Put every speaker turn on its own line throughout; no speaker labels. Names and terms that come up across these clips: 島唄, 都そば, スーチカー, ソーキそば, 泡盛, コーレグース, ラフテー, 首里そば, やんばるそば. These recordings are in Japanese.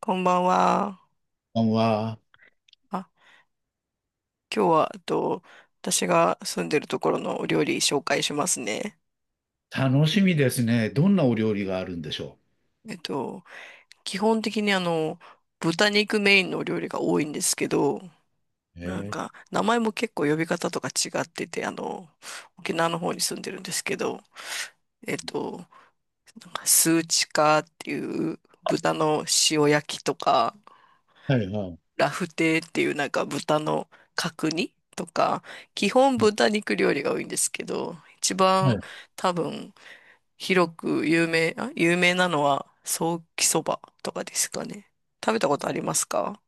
こんばんは。
こんばんは。
あ、今日は、私が住んでるところのお料理紹介しますね。
楽しみですね。どんなお料理があるんでしょ
えっと、基本的に豚肉メインのお料理が多いんですけど、
う？
なんか、名前も結構呼び方とか違ってて、沖縄の方に住んでるんですけど、えっと、なんかスーチカーっていう豚の塩焼きとか、
はいはい。
ラフテーっていうなんか豚の角煮とか、基本豚肉料理が多いんですけど、一
は
番
い。
多分広く有名なのはソーキそばとかですかね。食べたことありますか？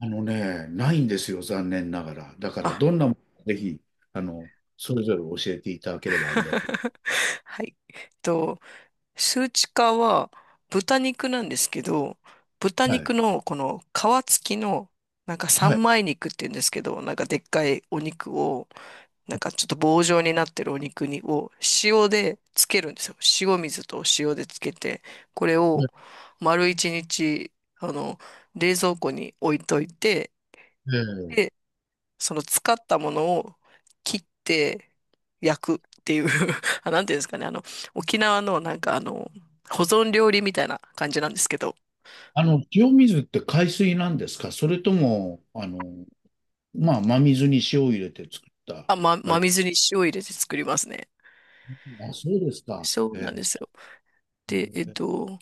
あのね、ないんですよ、残念ながら。だから、
あ、
どんなものかぜひ、あの、それぞれ教えていただければありがとう。
はい。数値化は豚肉なんですけど、豚
は
肉
い。
のこの皮付きのなんか
は
三
い。
枚肉って言うんですけど、なんかでっかいお肉をなんかちょっと棒状になってるお肉にを塩でつけるんですよ。塩水と塩でつけて、これを丸一日、あの、冷蔵庫に置いといて、
え
で、
え
その使ったものを切って焼くっていう あ、なんていうんですかね、沖縄のなんか保存料理みたいな感じなんですけど、
塩水って海水なんですか？それとも、まあ、真水に塩を入れて作った、あ
真
れ。
水に塩入れて作りますね。
あ、そうですか。
そうな
え
んですよ。で、
え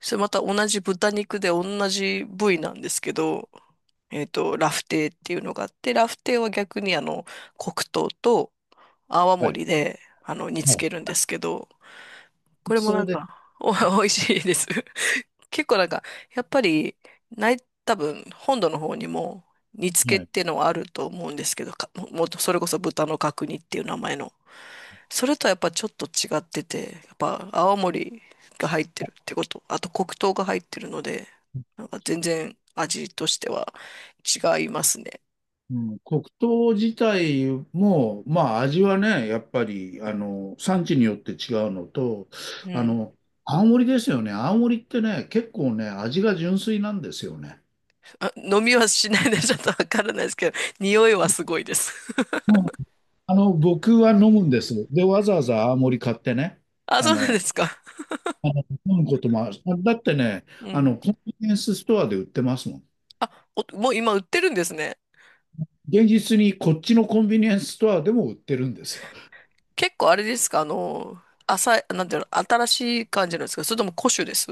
それまた同じ豚肉で同じ部位なんですけど、ラフテーっていうのがあって、ラフテーは逆に黒糖と泡
はい。
盛で、煮
は
つ
い。
けるんですけど、これも
そ
なん
うで
か、
す。
美味しいです。結構なんか、やっぱり、ない、多分、本土の方にも、煮付
は
けっ
い。
ていうのはあると思うんですけど、もっとそれこそ豚の角煮っていう名前の。それとはやっぱちょっと違ってて、やっぱ青森が入ってるってこと、あと黒糖が入ってるので、なんか全然味としては違いますね。
うん、黒糖自体も、まあ味はね、やっぱり、産地によって違うのと、
う
あ
ん。
の、青森ですよね。青森ってね、結構ね、味が純粋なんですよね。
あ、飲みはしないのでちょっとわからないですけど、匂いはすごいです。
僕は飲むんです。で、わざわざ青森買ってね、
あ、
あ
そうなんで
の、
すか。
あの飲むこともある。だってね、
うん。
コンビニエンスストアで売ってますもん。
あ、おもう今売ってるんですね。
現実にこっちのコンビニエンスストアでも売ってるんですよ。
結構あれですか、浅い、なんていうの、新しい感じなんですか、それとも古酒です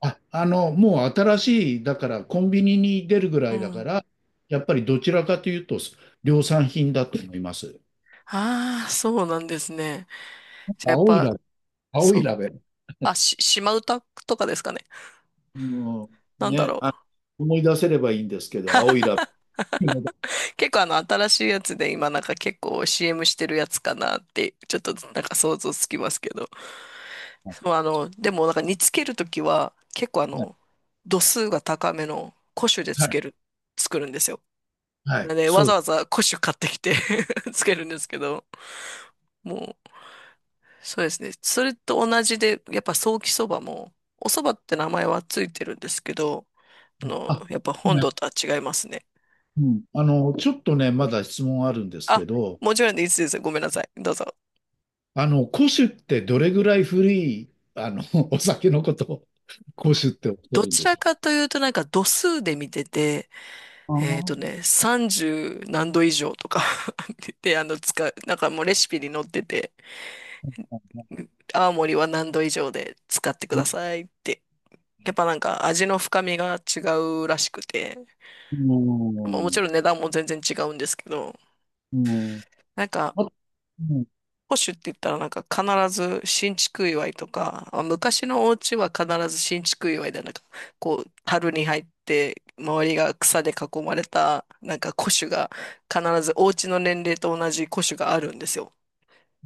あ、もう新しい、だからコンビニに出るぐ
う
らいだか
ん。
ら、やっぱりどちらかというと量産品だと思います。
ああ、そうなんですね。じゃあやっ
青い
ぱ、
ラベ、青
そ
い
う。
ラベ。
島唄とかですかね。
うん、
なんだ
ね、
ろ
あ、
う。
思い出せればいいんですけど、青いラベ。
結構新しいやつで今なんか結構 CM してるやつかなって、ちょっとなんか想像つきますけど。
はい、
そうでもなんか煮つけるときは、結構度数が高めの古酒で
は
つ
い、
ける、作るんですよ。
は
な
い、
んで、わ
そ
ざ
う。
わざ古酒買ってきて つけるんですけど、もう、そうですね。それと同じで、やっぱソーキそばも、おそばって名前はついてるんですけど、
あ、
やっぱ本
ね、
土とは違いますね。
うん。ちょっとね、まだ質問あるんですけ
あ、
ど、
もちろんでいいですよ。ごめんなさい。どうぞ。
古酒ってどれぐらい古い、お酒のことを古酒っておっしゃ
ど
るん
ち
でし
ら
ょ
かというとなんか度数で見てて、
う？
えっと
あ
ね、30何度以上とか で、使う、なんかもうレシピに載ってて、
あ、
青森は何度以上で使ってくださいって、やっぱなんか味の深みが違うらしくて、
う
まあ、もち
ん。
ろん値段も全然違うんですけど、
うん。
なんか、
あ、うん、
保守って言ったらなんか必ず新築祝いとか、まあ昔のお家は必ず新築祝いでなんか、こう、樽に入って、周りが草で囲まれた、なんか古酒が、必ずお家の年齢と同じ古酒があるんですよ。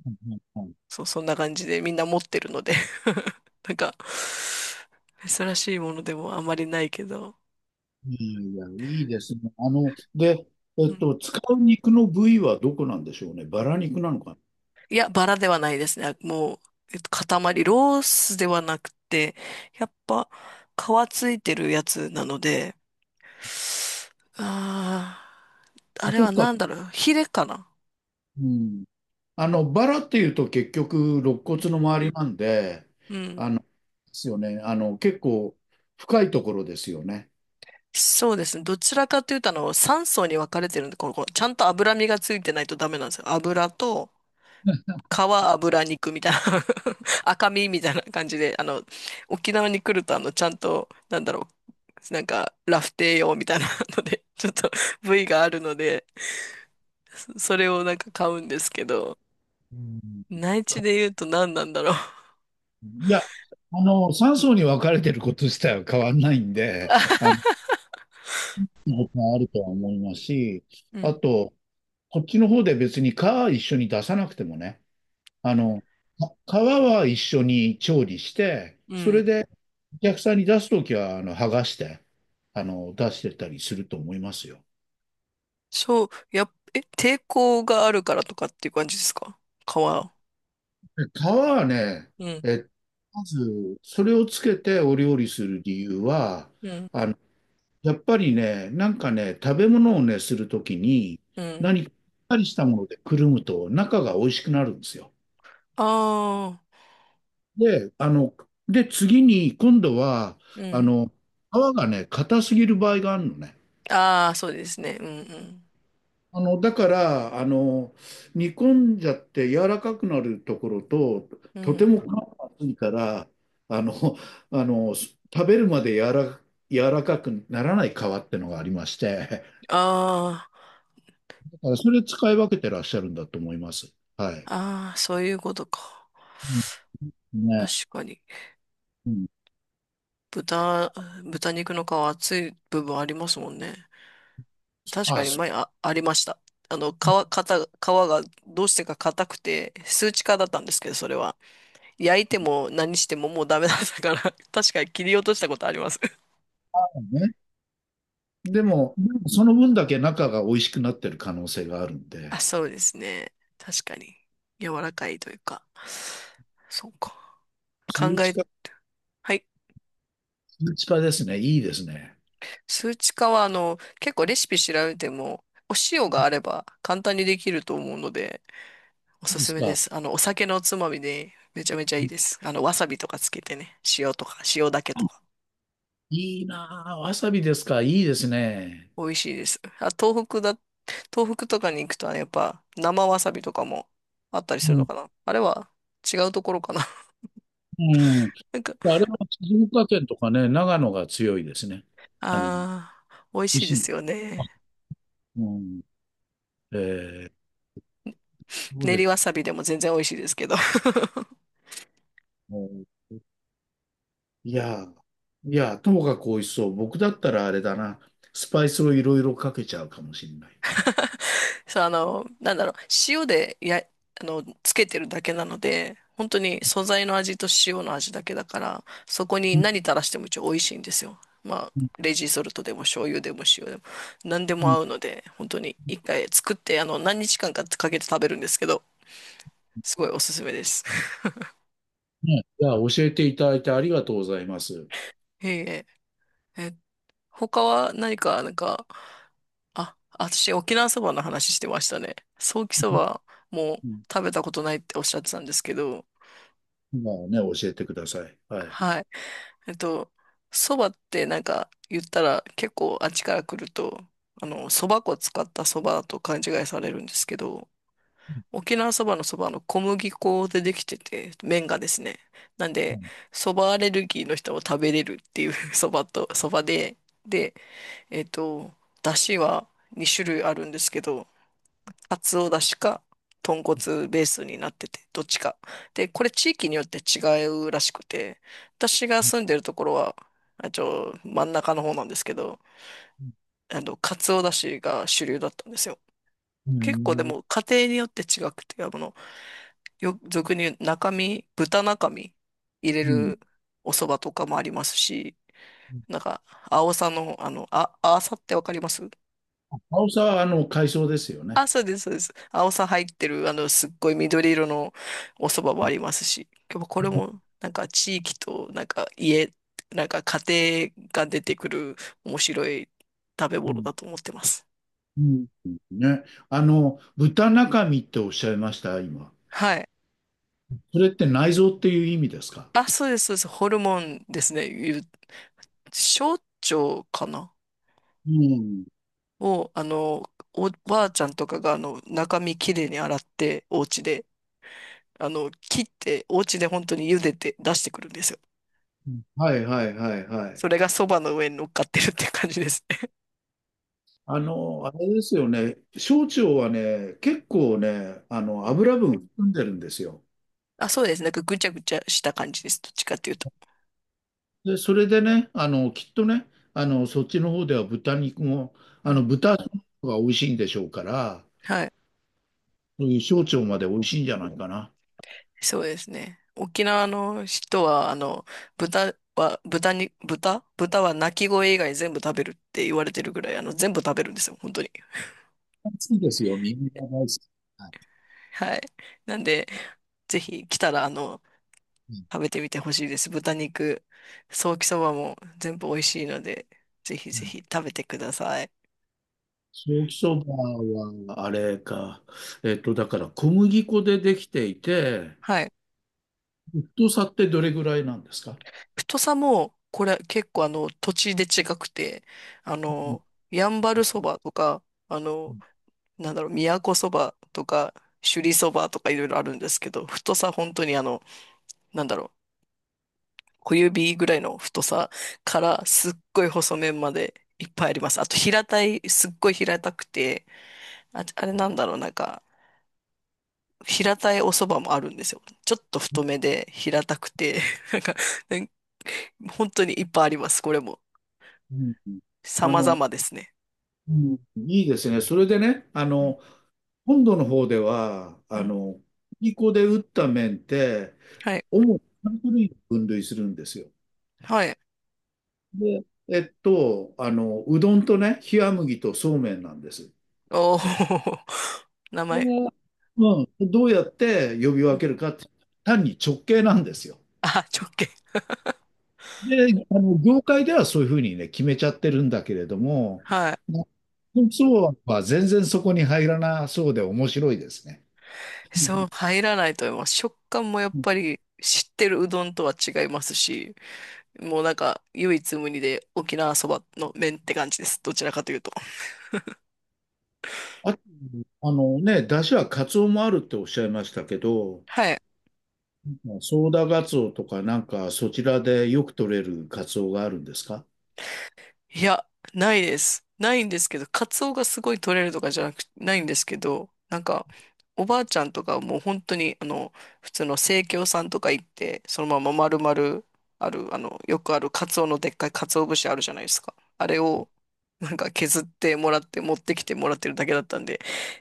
はい、はい。
そう、そんな感じでみんな持ってるので なんか、珍しいものでもあまりないけど、
いいやいや、いいですね。で、使う肉の部位はどこなんでしょうね。バラ肉なのか
いや、バラではないですね。もう、塊、ロースではなくて、やっぱ、皮ついてるやつなので、ああ、あ
な。
れ
どっ
は
か、
なんだろう、ヒレかな？
うん。バラっていうと結局、肋骨の周りなんで、
うん。
ですよね。結構深いところですよね。
そうですね。どちらかというと、3層に分かれてるんで、このちゃんと脂身がついてないとダメなんですよ。油と、皮、油、肉みたいな 赤身みたいな感じで、沖縄に来ると、ちゃんと、なんだろう、なんか、ラフテー用みたいなので、ちょっと部位があるので、そそれをなんか買うんですけど、
うん。
内地
か
で言うと何なんだろ
いや、3層に分かれてること自体は変わんないんで、もあるとは思いますし、
う。う
あ
ん。
と、こっちの方で別に皮は一緒に出さなくてもね、あの、皮は一緒に調理して、
う
そ
ん。
れでお客さんに出すときは、剥がして、出してたりすると思いますよ。
そう、やっ、え、抵抗があるからとかっていう感じですか？皮。う
で皮はね、
ん。
え、まず、それをつけてお料理する理由は、
うん。
あの、やっぱりね、なんかね、食べ物をね、するときに、
うん。
何かしっかりしたものでくるむと、中が美味しくなるんですよ。
ああ、
で、あの、で、次に、今度は、
う
あ
ん。
の、皮がね、硬すぎる場合があるのね。
ああ、そうですね。うん
だから、煮込んじゃって柔らかくなるところと、
うん。
とて
う
も皮
ん。
が厚いから、あの、食べるまで柔らかくならない皮ってのがありまして、
あ
だからそれ使い分けてらっしゃるんだと思います。はい。
あ、ああ、そういうことか。
うん
確
ね。
かに。
うん。
豚、豚肉の皮厚い部分ありますもんね。確か
あ、
に
そ
前あ、ありました。あの、皮、皮がどうしてか硬くて、数値化だったんですけど、それは。焼いても何してももうダメだったから、確かに切り落としたことあります。
うね。でもその分だけ中が美味しくなってる可能性があるんで。
あ、そうですね。確かに。柔らかいというか。そうか。考
通知
え、
か、
はい。
通知かですね。いいですね。
数値化は、結構レシピ調べても、お塩があれば簡単にできると思うので、お
いい
す
で
す
す
めで
か？
す。お酒のおつまみでめちゃめちゃ
う
いい
ん
です。わさびとかつけてね、塩とか、塩だけとか、
いいなぁ、わさびですか？いいですね。
美味しいです。東北とかに行くとね、やっぱ生わさびとかもあったり
う
するの
ん。
かな。あれは違うところかな。
うん。
なんか、
あれは静岡県とかね、長野が強いですね。美
あー、美味
味
しい
し
で
い。
すよ
あ
ね。
うん。えー、そう
練
です
りわ
ね。
さびでも全然美味しいですけど。
ういやーいやーともかく美味しそう。僕だったらあれだな。スパイスをいろいろかけちゃうかもしれない。
そう、なんだろう、塩でや、あの、つけてるだけなので、本当に素材の味と塩の味だけだから、そこに
うん
何垂らしても一応美味しいんですよ。まあ、
うん
レジソルトでも醤油でも塩でも、何で
う
も
ん
合うので、本当に一回作って、何日間かかけて食べるんですけど、すごいおすすめです。
ね、いや、教えていただいてありがとうございます。
いえいえ、え、他は何か、なんか、あ、私、沖縄そばの話してましたね。ソーキそばも
うん、
食べたことないっておっしゃってたんですけど、
今はね、教えてください。はい。
はい。えっと、そばってなんか言ったら結構あっちから来ると、そば粉使ったそばと勘違いされるんですけど、沖縄そばのそばの小麦粉でできてて、麺がですね。なん
う
で、
ん。
そばアレルギーの人も食べれるっていう そばと、そばで、で、えっと、だしは2種類あるんですけど、カツオだしか、豚骨ベースになってて、どっちか。で、これ地域によって違うらしくて、私が住んでるところは、真ん中の方なんですけど、カツオだしが主流だったんですよ。
う
結構で
ん。
も家庭によって違くて、俗に言う中身、豚中身入れ
うん。
るお蕎麦とかもありますし、なんか、青さの、あさってわかります？
あおさは、海藻ですよね。
あ、そうです、そうです。青さ入ってる、すっごい緑色のお蕎麦もありますし、今日はこれも、なんか地域と、なんか家庭が出てくる面白い食べ
う
物
ん。
だと思ってます。
うん。ね。豚中身っておっしゃいました、今。
はい。
それって内臓っていう意味ですか？
あ、そうです、そうです。ホルモンですね。小腸かな？
うん。
を、おばあちゃんとかが、中身きれいに洗って、お家で、切って、お家で本当に茹でて出してくるんですよ。
はいはいはいはい。
それが蕎麦の上に乗っかってるって感じですね。
あれですよね。小腸はね、結構ね、油分含んでるんですよ。
あ、そうですね。なんかぐちゃぐちゃした感じです。どっちかっていうと。
で、それでね、きっとね、そっちの方では豚肉も、
うん。
豚の方が美味しいんでしょうから、
はい。
そういう小腸まで美味しいんじゃないかな。
そうですね。沖縄の人は、豚は、豚に、豚豚は鳴き声以外全部食べるって言われてるぐらい、全部食べるんですよ。本当に。
暑いですよ。みんな大好き。はい。
はい。なんで、ぜひ来たら、
うん
食べてみてほしいです。豚肉、ソーキそばも全部美味しいので、ぜひ
う
ぜ
ん
ひ食べてください。
ソーキそばは、あれか。だから小麦粉でできていて、
はい。
太さってどれぐらいなんですか？
太さも、これ結構土地で違くて、あ
うん
の、やんばるそばとか、あの、
う
なんだろう、都そばとか、首里そばとかいろいろあるんですけど、太さ本当になんだろう、小指ぐらいの太さからすっごい細麺までいっぱいあります。あと平たい、すっごい平たくて、あ、あれなんだろう、なんか、平たいお蕎麦もあるんですよ。ちょっと太めで平たくて、なんか、なん本当にいっぱいあります、これも。
んうんあ
様
の、
々ですね。
うんいいですね。それでね、
うん、
本土の方では、
うん。
小麦粉で打った麺って、
はい、
主に3種類に分類するんですよ。
はい。
で、うどんとね、冷麦とそうめんなんです。
おお 名
こ
前。
れはうん、どうやって呼び分けるかって、単に直系なんですよ。
あ、直径。
で、あの業界ではそういうふうにね、決めちゃってるんだけれども、
はい。
なそうは全然そこに入らなそうで面白いですね。
そう、入らないと思います。食感もやっ
うん
ぱり知ってるうどんとは違いますし、もうなんか唯一無二で沖縄そばの麺って感じです。どちらかというと。
あと、あのね、出汁はカツオもあるっておっしゃいましたけど、
はい。
ソーダガツオとかなんかそちらでよく取れるカツオがあるんですか？
いや、ないです。ないんですけど、カツオがすごい取れるとかじゃなく、ないんですけど、なんか、おばあちゃんとかはもう本当に、普通の生協さんとか行って、そのまま丸々ある、よくあるカツオのでっかいカツオ節あるじゃないですか。あれを、なんか削ってもらって、持ってきてもらってるだけだったんで、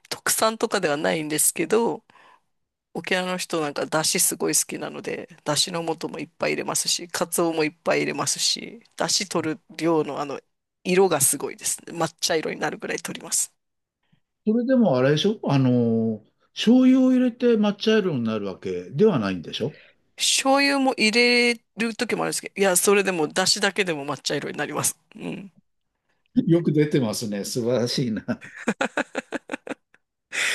特産とかではないんですけど、沖縄の人なんか出汁すごい好きなので、出汁の素もいっぱい入れますし、カツオもいっぱい入れますし、出汁取る量の色がすごいですね。抹茶色になるぐらい取ります。
それでもあれでしょ、醤油を入れて抹茶色になるわけではないんでしょ？
醤油も入れる時もあるんですけど、いや、それでも出汁だけでも抹茶色になります。うん。
よく出てますね。素晴らしいな。あ、じ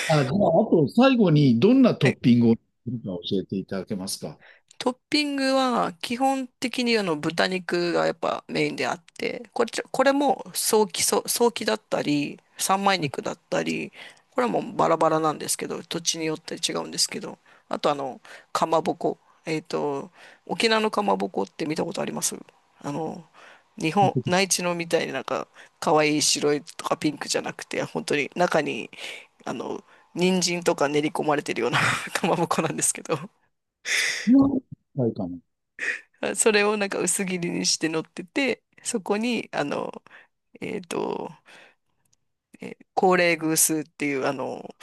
ゃあ、あと最後にどんなトッピングをするか教えていただけますか。
トッピングは基本的にあの豚肉がやっぱメインであって、これも早期、早期だったり、三枚肉だったり、これはもうバラバラなんですけど、土地によって違うんですけど、あとかまぼこ。えっと、沖縄のかまぼこって見たことありますあの、日本、内地のみたいになんか、可愛い白いとかピンクじゃなくて、本当に中に、あの、人参とか練り込まれてるような かまぼこなんですけど、
はいかも
あそれをなんか薄切りにして乗ってて、そこに、えっと、高麗グースっていう、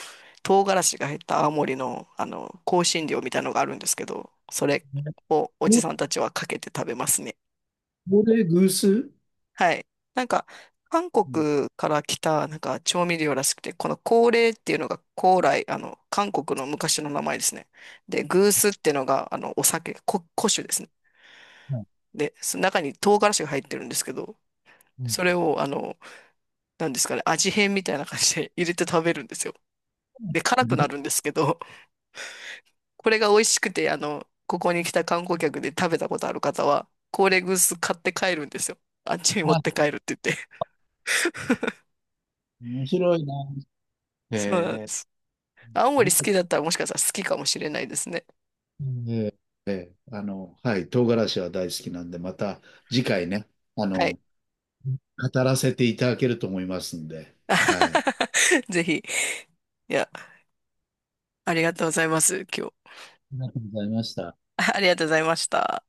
唐辛子が入った青森の、香辛料みたいのがあるんですけど、それ
ね。
をおじさんたちはかけて食べますね。
これ、偶数
はい。なんか、韓
うん
国から来た、なんか、調味料らしくて、この高麗っていうのが、高麗、韓国の昔の名前ですね。で、グースっていうのが、お酒、古酒ですね。
はい。
で、その中に唐辛子が入ってるんですけど、
うん。
それを、なんですかね、味変みたいな感じで入れて食べるんですよ。で、辛くなるんですけど、これが美味しくて、ここに来た観光客で食べたことある方は、コーレグース買って帰るんですよ。あっちに持って
あ、
帰るって言って。
面白いな。へ
そうなんで
え。
す。青
あ
森
り
好
が
き
と
だったらもしかしたら好きかもしれないですね。
う。ーえーあの、はい、唐辛子は大好きなんで、また次回ね、あ
はい。
の、語らせていただけると思いますんで、はい。あ
ぜひ。いや、ありがとうございます、今日。
りがとうございました。
ありがとうございました。